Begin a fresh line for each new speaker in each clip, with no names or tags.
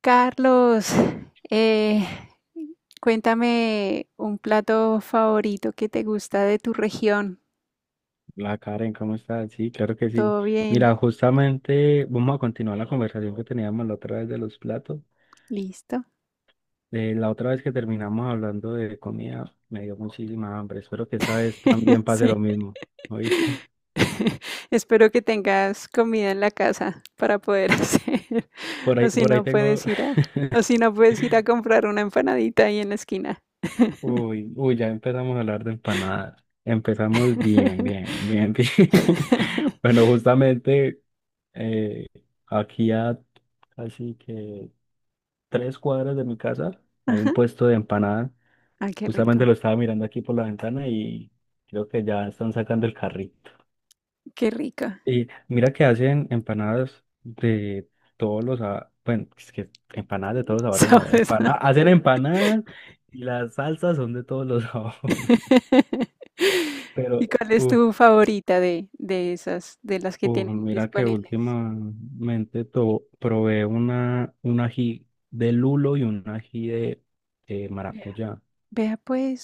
Carlos, eh, cuéntame un plato favorito que te gusta de tu región.
La Karen, ¿cómo estás? Sí, claro que sí.
¿Todo bien?
Mira, justamente vamos a continuar la conversación que teníamos la otra vez de los platos.
¿Listo?
La otra vez que terminamos hablando de comida, me dio muchísima hambre. Espero que esta vez también pase
Sí.
lo mismo. ¿Oíste?
Espero que tengas comida en la casa para poder hacer. O si
Por ahí
no
tengo.
puedes ir a, o si no puedes ir a comprar una empanadita ahí en la esquina.
Uy, uy, ya empezamos a hablar de empanadas. Empezamos bien, bien, bien, bien. Bueno, justamente eh, aquí a casi que 3 cuadras de mi casa hay un
Ajá.
puesto de empanadas.
Ay, qué
Justamente
rico,
lo estaba mirando aquí por la ventana y creo que ya están sacando el carrito.
qué rico.
Y mira que hacen empanadas de bueno, es que empanadas de todos los sabores no,
Sabes.
empana hacen empanadas y las salsas son de todos los sabores. Pero,
¿Y cuál es
uff,
tu favorita de esas, de las que tienen
mira que
disponibles?
últimamente probé un ají de lulo y un ají de
Vea,
maracuyá.
vea, pues,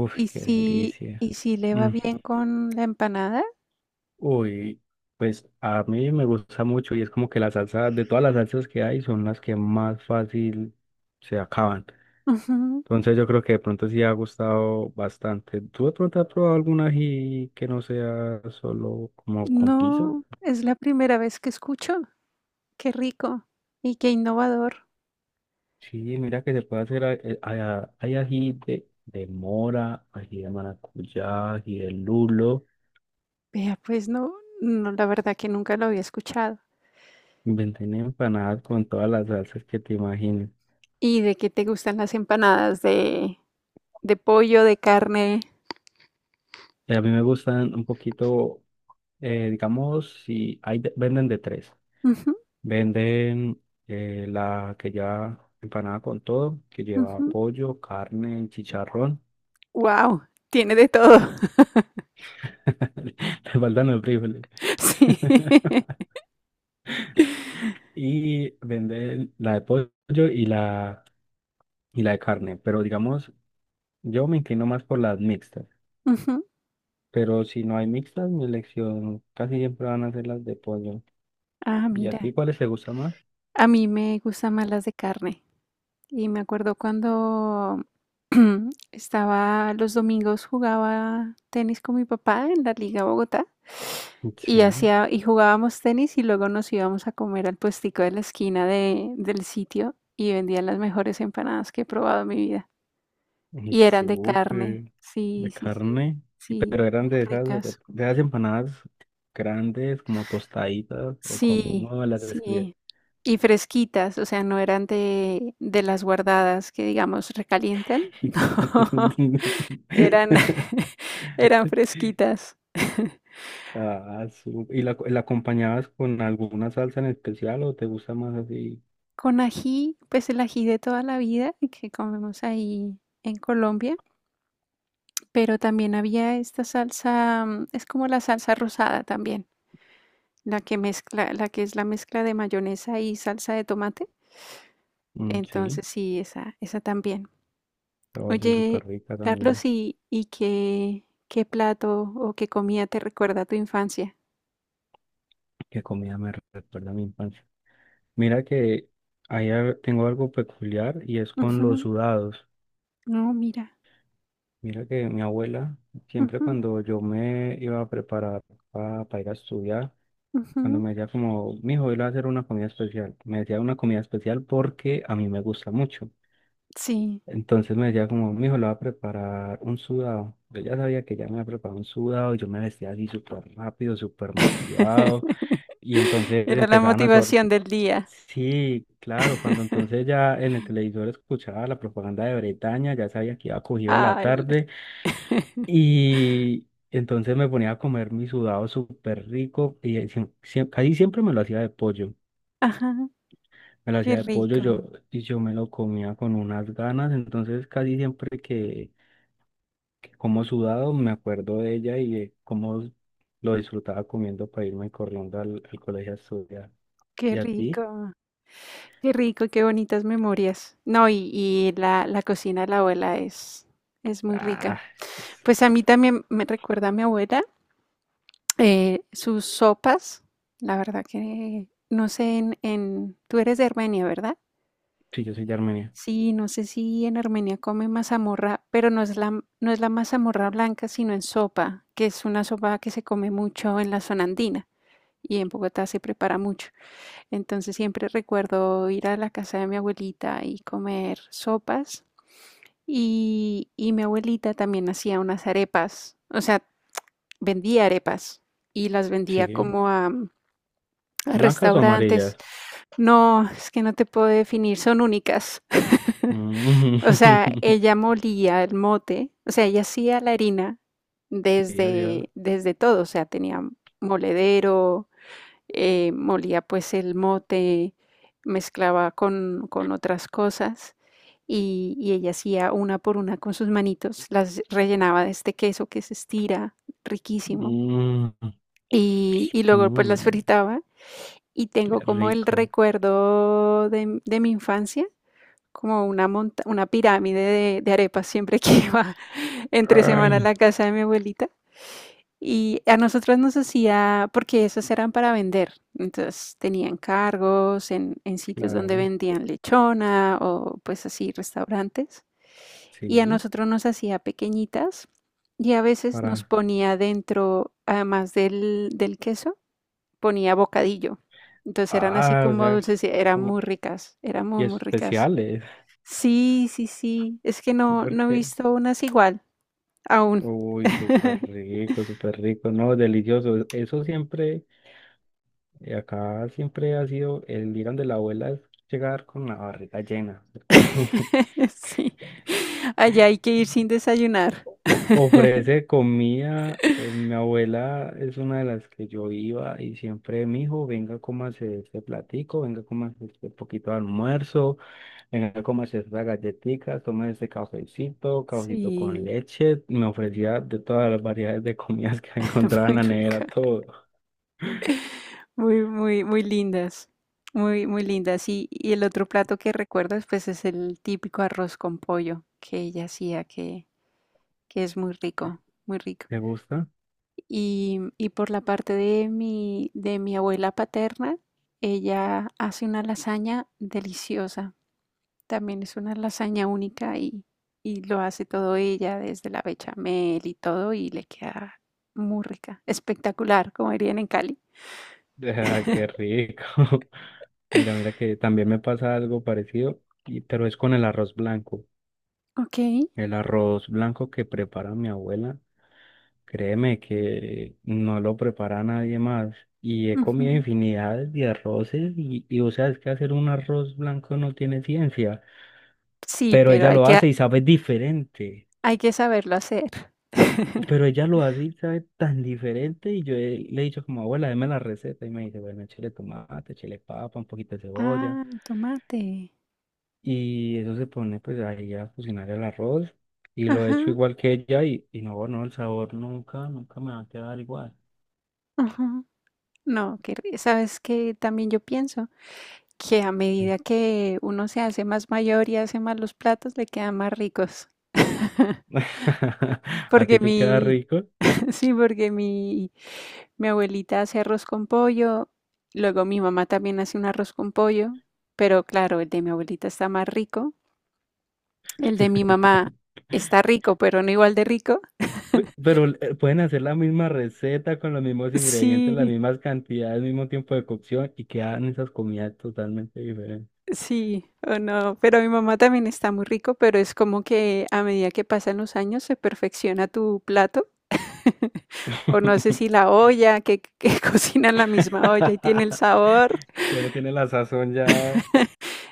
Uff, qué delicia.
¿y si le va
Mm.
bien con la empanada?
Uy, pues a mí me gusta mucho y es como que la salsa, de todas las salsas que hay, son las que más fácil se acaban.
Ujú.
Entonces yo creo que de pronto sí ha gustado bastante. ¿Tú de pronto has probado algún ají que no sea solo como con guiso?
No, es la primera vez que escucho. Qué rico y qué innovador.
Sí, mira que se puede hacer, hay ají de mora, ají de maracuyá, ají de lulo.
Vea, pues no, no, la verdad que nunca lo había escuchado.
Inventé empanadas con todas las salsas que te imagines.
¿Y de qué te gustan las empanadas de pollo, de carne?
Y a mí me gustan un poquito. Digamos, si hay, de- venden de tres. Venden la que lleva empanada con todo, que lleva pollo, carne, chicharrón.
Wow, tiene de todo.
Le faltan los frijoles.
Sí.
Y venden la de pollo y y la de carne. Pero digamos, yo me inclino más por las mixtas.
Ujú.
Pero si no hay mixtas, mi elección casi siempre van a ser las de pollo.
Ah,
¿Y a
mira.
ti cuáles te gustan más?
A mí me gustan más las de carne. Y me acuerdo cuando estaba los domingos jugaba tenis con mi papá en la Liga Bogotá y
Sí,
hacía y jugábamos tenis y luego nos íbamos a comer al puestico de la esquina del sitio y vendían las mejores empanadas que he probado en mi vida. Y eran de carne.
súper.
Sí,
De
sí, sí.
carne, y-
Sí,
pero eran
muy
de esas,
ricas.
de esas empanadas grandes, como tostaditas, o como,
Sí,
no, las describí.
sí. Y fresquitas, o sea, no eran de las guardadas que, digamos, recalientan. No, eran eran fresquitas.
Ah, ¿Y la acompañabas con alguna salsa en especial o te gusta más así?
Con ají, pues el ají de toda la vida que comemos ahí en Colombia, pero también había esta salsa, es como la salsa rosada también, la que es la mezcla de mayonesa y salsa de tomate.
Mm, sí,
Entonces sí, esa también.
pero va a ser
Oye,
súper rica
Carlos,
también.
¿qué plato o qué comida te recuerda a tu infancia?
Qué comida me recuerda a mi infancia. Mira que tengo algo peculiar y es con los
Ujú.
sudados.
No, mira.
Mira que mi abuela, siempre
Ujú.
cuando yo me iba a preparar para ir a estudiar, cuando
Ujú.
me decía como, mi hijo, iba a hacer una comida especial, me decía una comida especial porque a mí me gusta mucho.
Sí.
Entonces me decía como, mi hijo, le va a preparar un sudado. Yo ya sabía que ya me había preparado un sudado y yo me vestía así súper rápido, súper motivado. Y entonces
Era la
empezaban a sonar.
motivación del día.
Sí, claro, cuando entonces ya en el televisor escuchaba la propaganda de Bretaña, ya sabía que iba cogido de la
Ah, el-
tarde. Y entonces me ponía a comer mi sudado súper rico y casi siempre me lo hacía de pollo.
Ajá,
Me lo
qué
hacía de pollo
rico,
yo, y yo me lo comía con unas ganas. Entonces casi siempre que como sudado me acuerdo de ella y de cómo lo disfrutaba comiendo para irme corriendo al, al colegio a estudiar.
qué
¿Y a ti?
rico, qué rico, qué bonitas memorias. No, y la cocina de la abuela es muy rica.
Ah, es-
Pues a
es-
mí también me recuerda a mi abuela. Sus sopas, la verdad que no sé en- tú eres de Armenia, ¿verdad?
sí, yo soy de Armenia.
Sí, no sé si en Armenia come mazamorra, pero no es la, no es la mazamorra blanca, sino en sopa, que es una sopa que se come mucho en la zona andina y en Bogotá se prepara mucho. Entonces siempre recuerdo ir a la casa de mi abuelita y comer sopas y mi abuelita también hacía unas arepas, o sea, vendía arepas y las vendía
Sí.
como a
¿Blancas o
restaurantes.
amarillas?
No, es que no te puedo definir, son únicas. O sea,
Mm.
ella molía el mote, o sea, ella hacía la harina
Sí, así es.
desde todo, o sea, tenía moledero, molía pues el mote, mezclaba con otras cosas y ella hacía una por una con sus manitos, las rellenaba de este queso que se estira, riquísimo,
Mm,
y luego pues las
mm.
fritaba y
Qué
tengo como el
rico.
recuerdo de mi infancia, como una, una pirámide de arepas siempre que iba entre semana a
Ay,
la casa de mi abuelita. Y a nosotros nos hacía, porque esas eran para vender, entonces tenían cargos en sitios donde
claro,
vendían lechona o pues así restaurantes. Y a
sí,
nosotros nos hacía pequeñitas y a veces nos
para.
ponía dentro, además del queso, ponía bocadillo. Entonces eran así
Ah, o
como
sea,
dulces, y eran
como.
muy ricas, eran
Y
muy, muy ricas.
especiales.
Sí, sí, sí, es que no, no he
Porque.
visto unas igual, aún.
Uy, súper rico, súper rico. No, delicioso. Eso siempre, acá siempre ha sido el ir de la abuela es llegar con la barriga llena, porque
Sí, allá hay que ir sin desayunar.
ofrece comida. Mi abuela es una de las que yo iba y siempre, mi hijo, venga, cómase este platico, venga, cómase este poquito de almuerzo. Venga, cómase esa galletica, tome ese cafecito, cafecito con
Sí,
leche. Me ofrecía de todas las variedades de comidas que encontraba en
muy
la nevera,
rica,
todo.
muy, muy, muy lindas, muy, muy lindas. Y el otro plato que recuerdas, pues es el típico arroz con pollo que ella hacía, que es muy rico, muy rico.
¿Te gusta?
Y por la parte de mi abuela paterna, ella hace una lasaña deliciosa. También es una lasaña única y lo hace todo ella, desde la bechamel y todo, y le queda muy rica, espectacular, como dirían en Cali.
Ah, qué rico. Mira, mira que también me pasa algo parecido, pero es con el arroz blanco.
Ok.
El arroz blanco que prepara mi abuela, créeme que no lo prepara nadie más. Y he comido
Ujú.
infinidad de arroces y o sea, es que hacer un arroz blanco no tiene ciencia.
Sí,
Pero
pero
ella lo hace y sabe diferente.
hay que saberlo hacer.
Pero ella lo hace y sabe tan diferente. Y yo le he dicho como, abuela, deme la receta. Y me dice, bueno, chile de tomate, chile de papa, un poquito de cebolla.
Ah, tomate.
Y eso se pone pues ahí a cocinar el arroz. Y lo he
Ajá,
hecho igual que ella y no, no, el sabor nunca, nunca me va a quedar igual.
ajá. No, que, ¿sabes qué? También yo pienso que a medida
¿Qué?
que uno se hace más mayor y hace más los platos, le quedan más ricos.
¿A
Porque
ti te queda
mi,
rico?
sí, porque mi abuelita hace arroz con pollo, luego mi mamá también hace un arroz con pollo, pero claro, el de mi abuelita está más rico, el de mi mamá está rico, pero no igual de rico.
Pero pueden hacer la misma receta con los mismos ingredientes, las
Sí,
mismas cantidades, el mismo tiempo de cocción y quedan esas comidas totalmente diferentes.
sí, o no, pero mi mamá también está muy rico, pero es como que a medida que pasan los años se perfecciona tu plato. O no sé si la olla, que cocina en la misma olla y tiene el sabor
Tiene, tiene la sazón ya.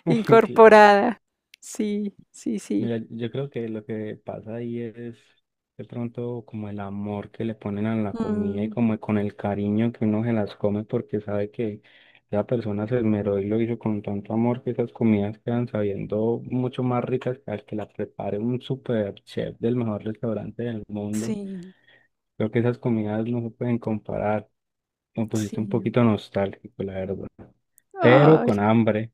Claro.
incorporada. Sí, sí, sí.
Mira, yo creo que lo que pasa ahí es de pronto como el amor que le ponen a la comida y
Mm,
como con el cariño que uno se las come porque sabe que esa persona se esmeró y lo hizo con tanto amor que esas comidas quedan sabiendo mucho más ricas que al que las prepare un super chef del mejor restaurante del mundo.
sí,
Creo que esas comidas no se pueden comparar. Me pusiste un
sí.
poquito nostálgico, la verdad. Pero
Ay,
con hambre,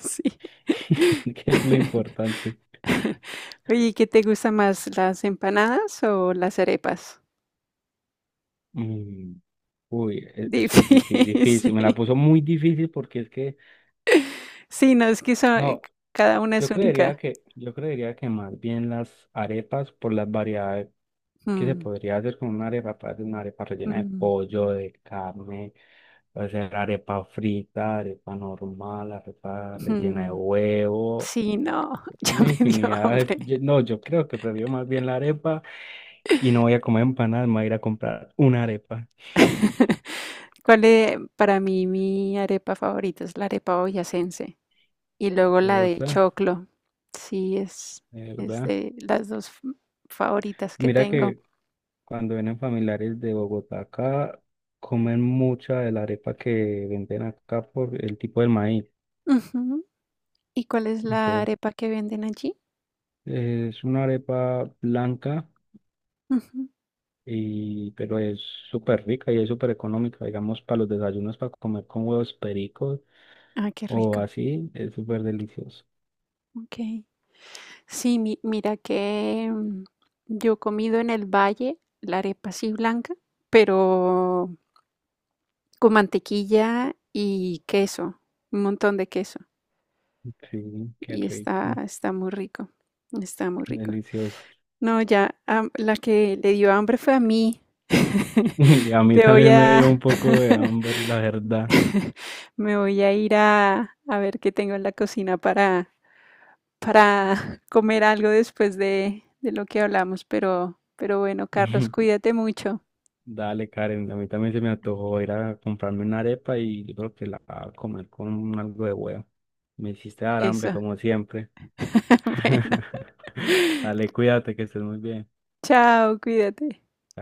sí.
que es lo importante.
Oye, ¿qué te gusta más, las empanadas o las arepas?
Mm. Uy, difícil, me la
Difícil.
puso muy difícil porque es que,
Sí, no, es que son
no,
cada una es única.
yo creería que más bien las arepas por las variedades que se
Mm,
podría hacer con una arepa, puede ser una arepa rellena de
mm,
pollo, de carne, puede ser arepa frita, arepa normal, arepa rellena de
mm.
huevo,
Sí, no, ya
una
me dio
infinidad de,
hambre.
no, yo creo que prefiero más bien la arepa y no voy a comer empanadas, me voy a ir a comprar una arepa.
¿Cuál es para mí mi arepa favorita? Es la arepa boyacense y luego
¿Te
la de
gusta?
choclo. Sí,
De
es
verdad.
de las dos favoritas que
Mira
tengo.
que cuando vienen familiares de Bogotá acá, comen mucha de la arepa que venden acá por el tipo del maíz.
Ujú. ¿Y cuál es la
Entonces,
arepa que venden allí?
es una arepa blanca,
Ujú.
y, pero es súper rica y es súper económica. Digamos, para los desayunos, para comer con huevos pericos
Ah, qué
o
rico.
así, es súper delicioso.
Ok. Sí, mira que yo he comido en el valle la arepa así blanca, pero con mantequilla y queso, un montón de queso.
Sí, qué
Y está,
rico,
está muy rico, está muy rico.
delicioso.
No, ya, am- la que le dio hambre fue a mí.
Y a mí
Te voy
también me dio un
a,
poco de hambre, la verdad.
me voy a ir a ver qué tengo en la cocina para comer algo después de lo que hablamos, pero bueno, Carlos, cuídate mucho.
Dale, Karen, a mí también se me antojó ir a comprarme una arepa y yo creo que la voy a comer con algo de huevo. Me hiciste dar hambre
Eso.
como siempre.
Bueno,
Dale, cuídate, que estés muy bien.
chao, cuídate.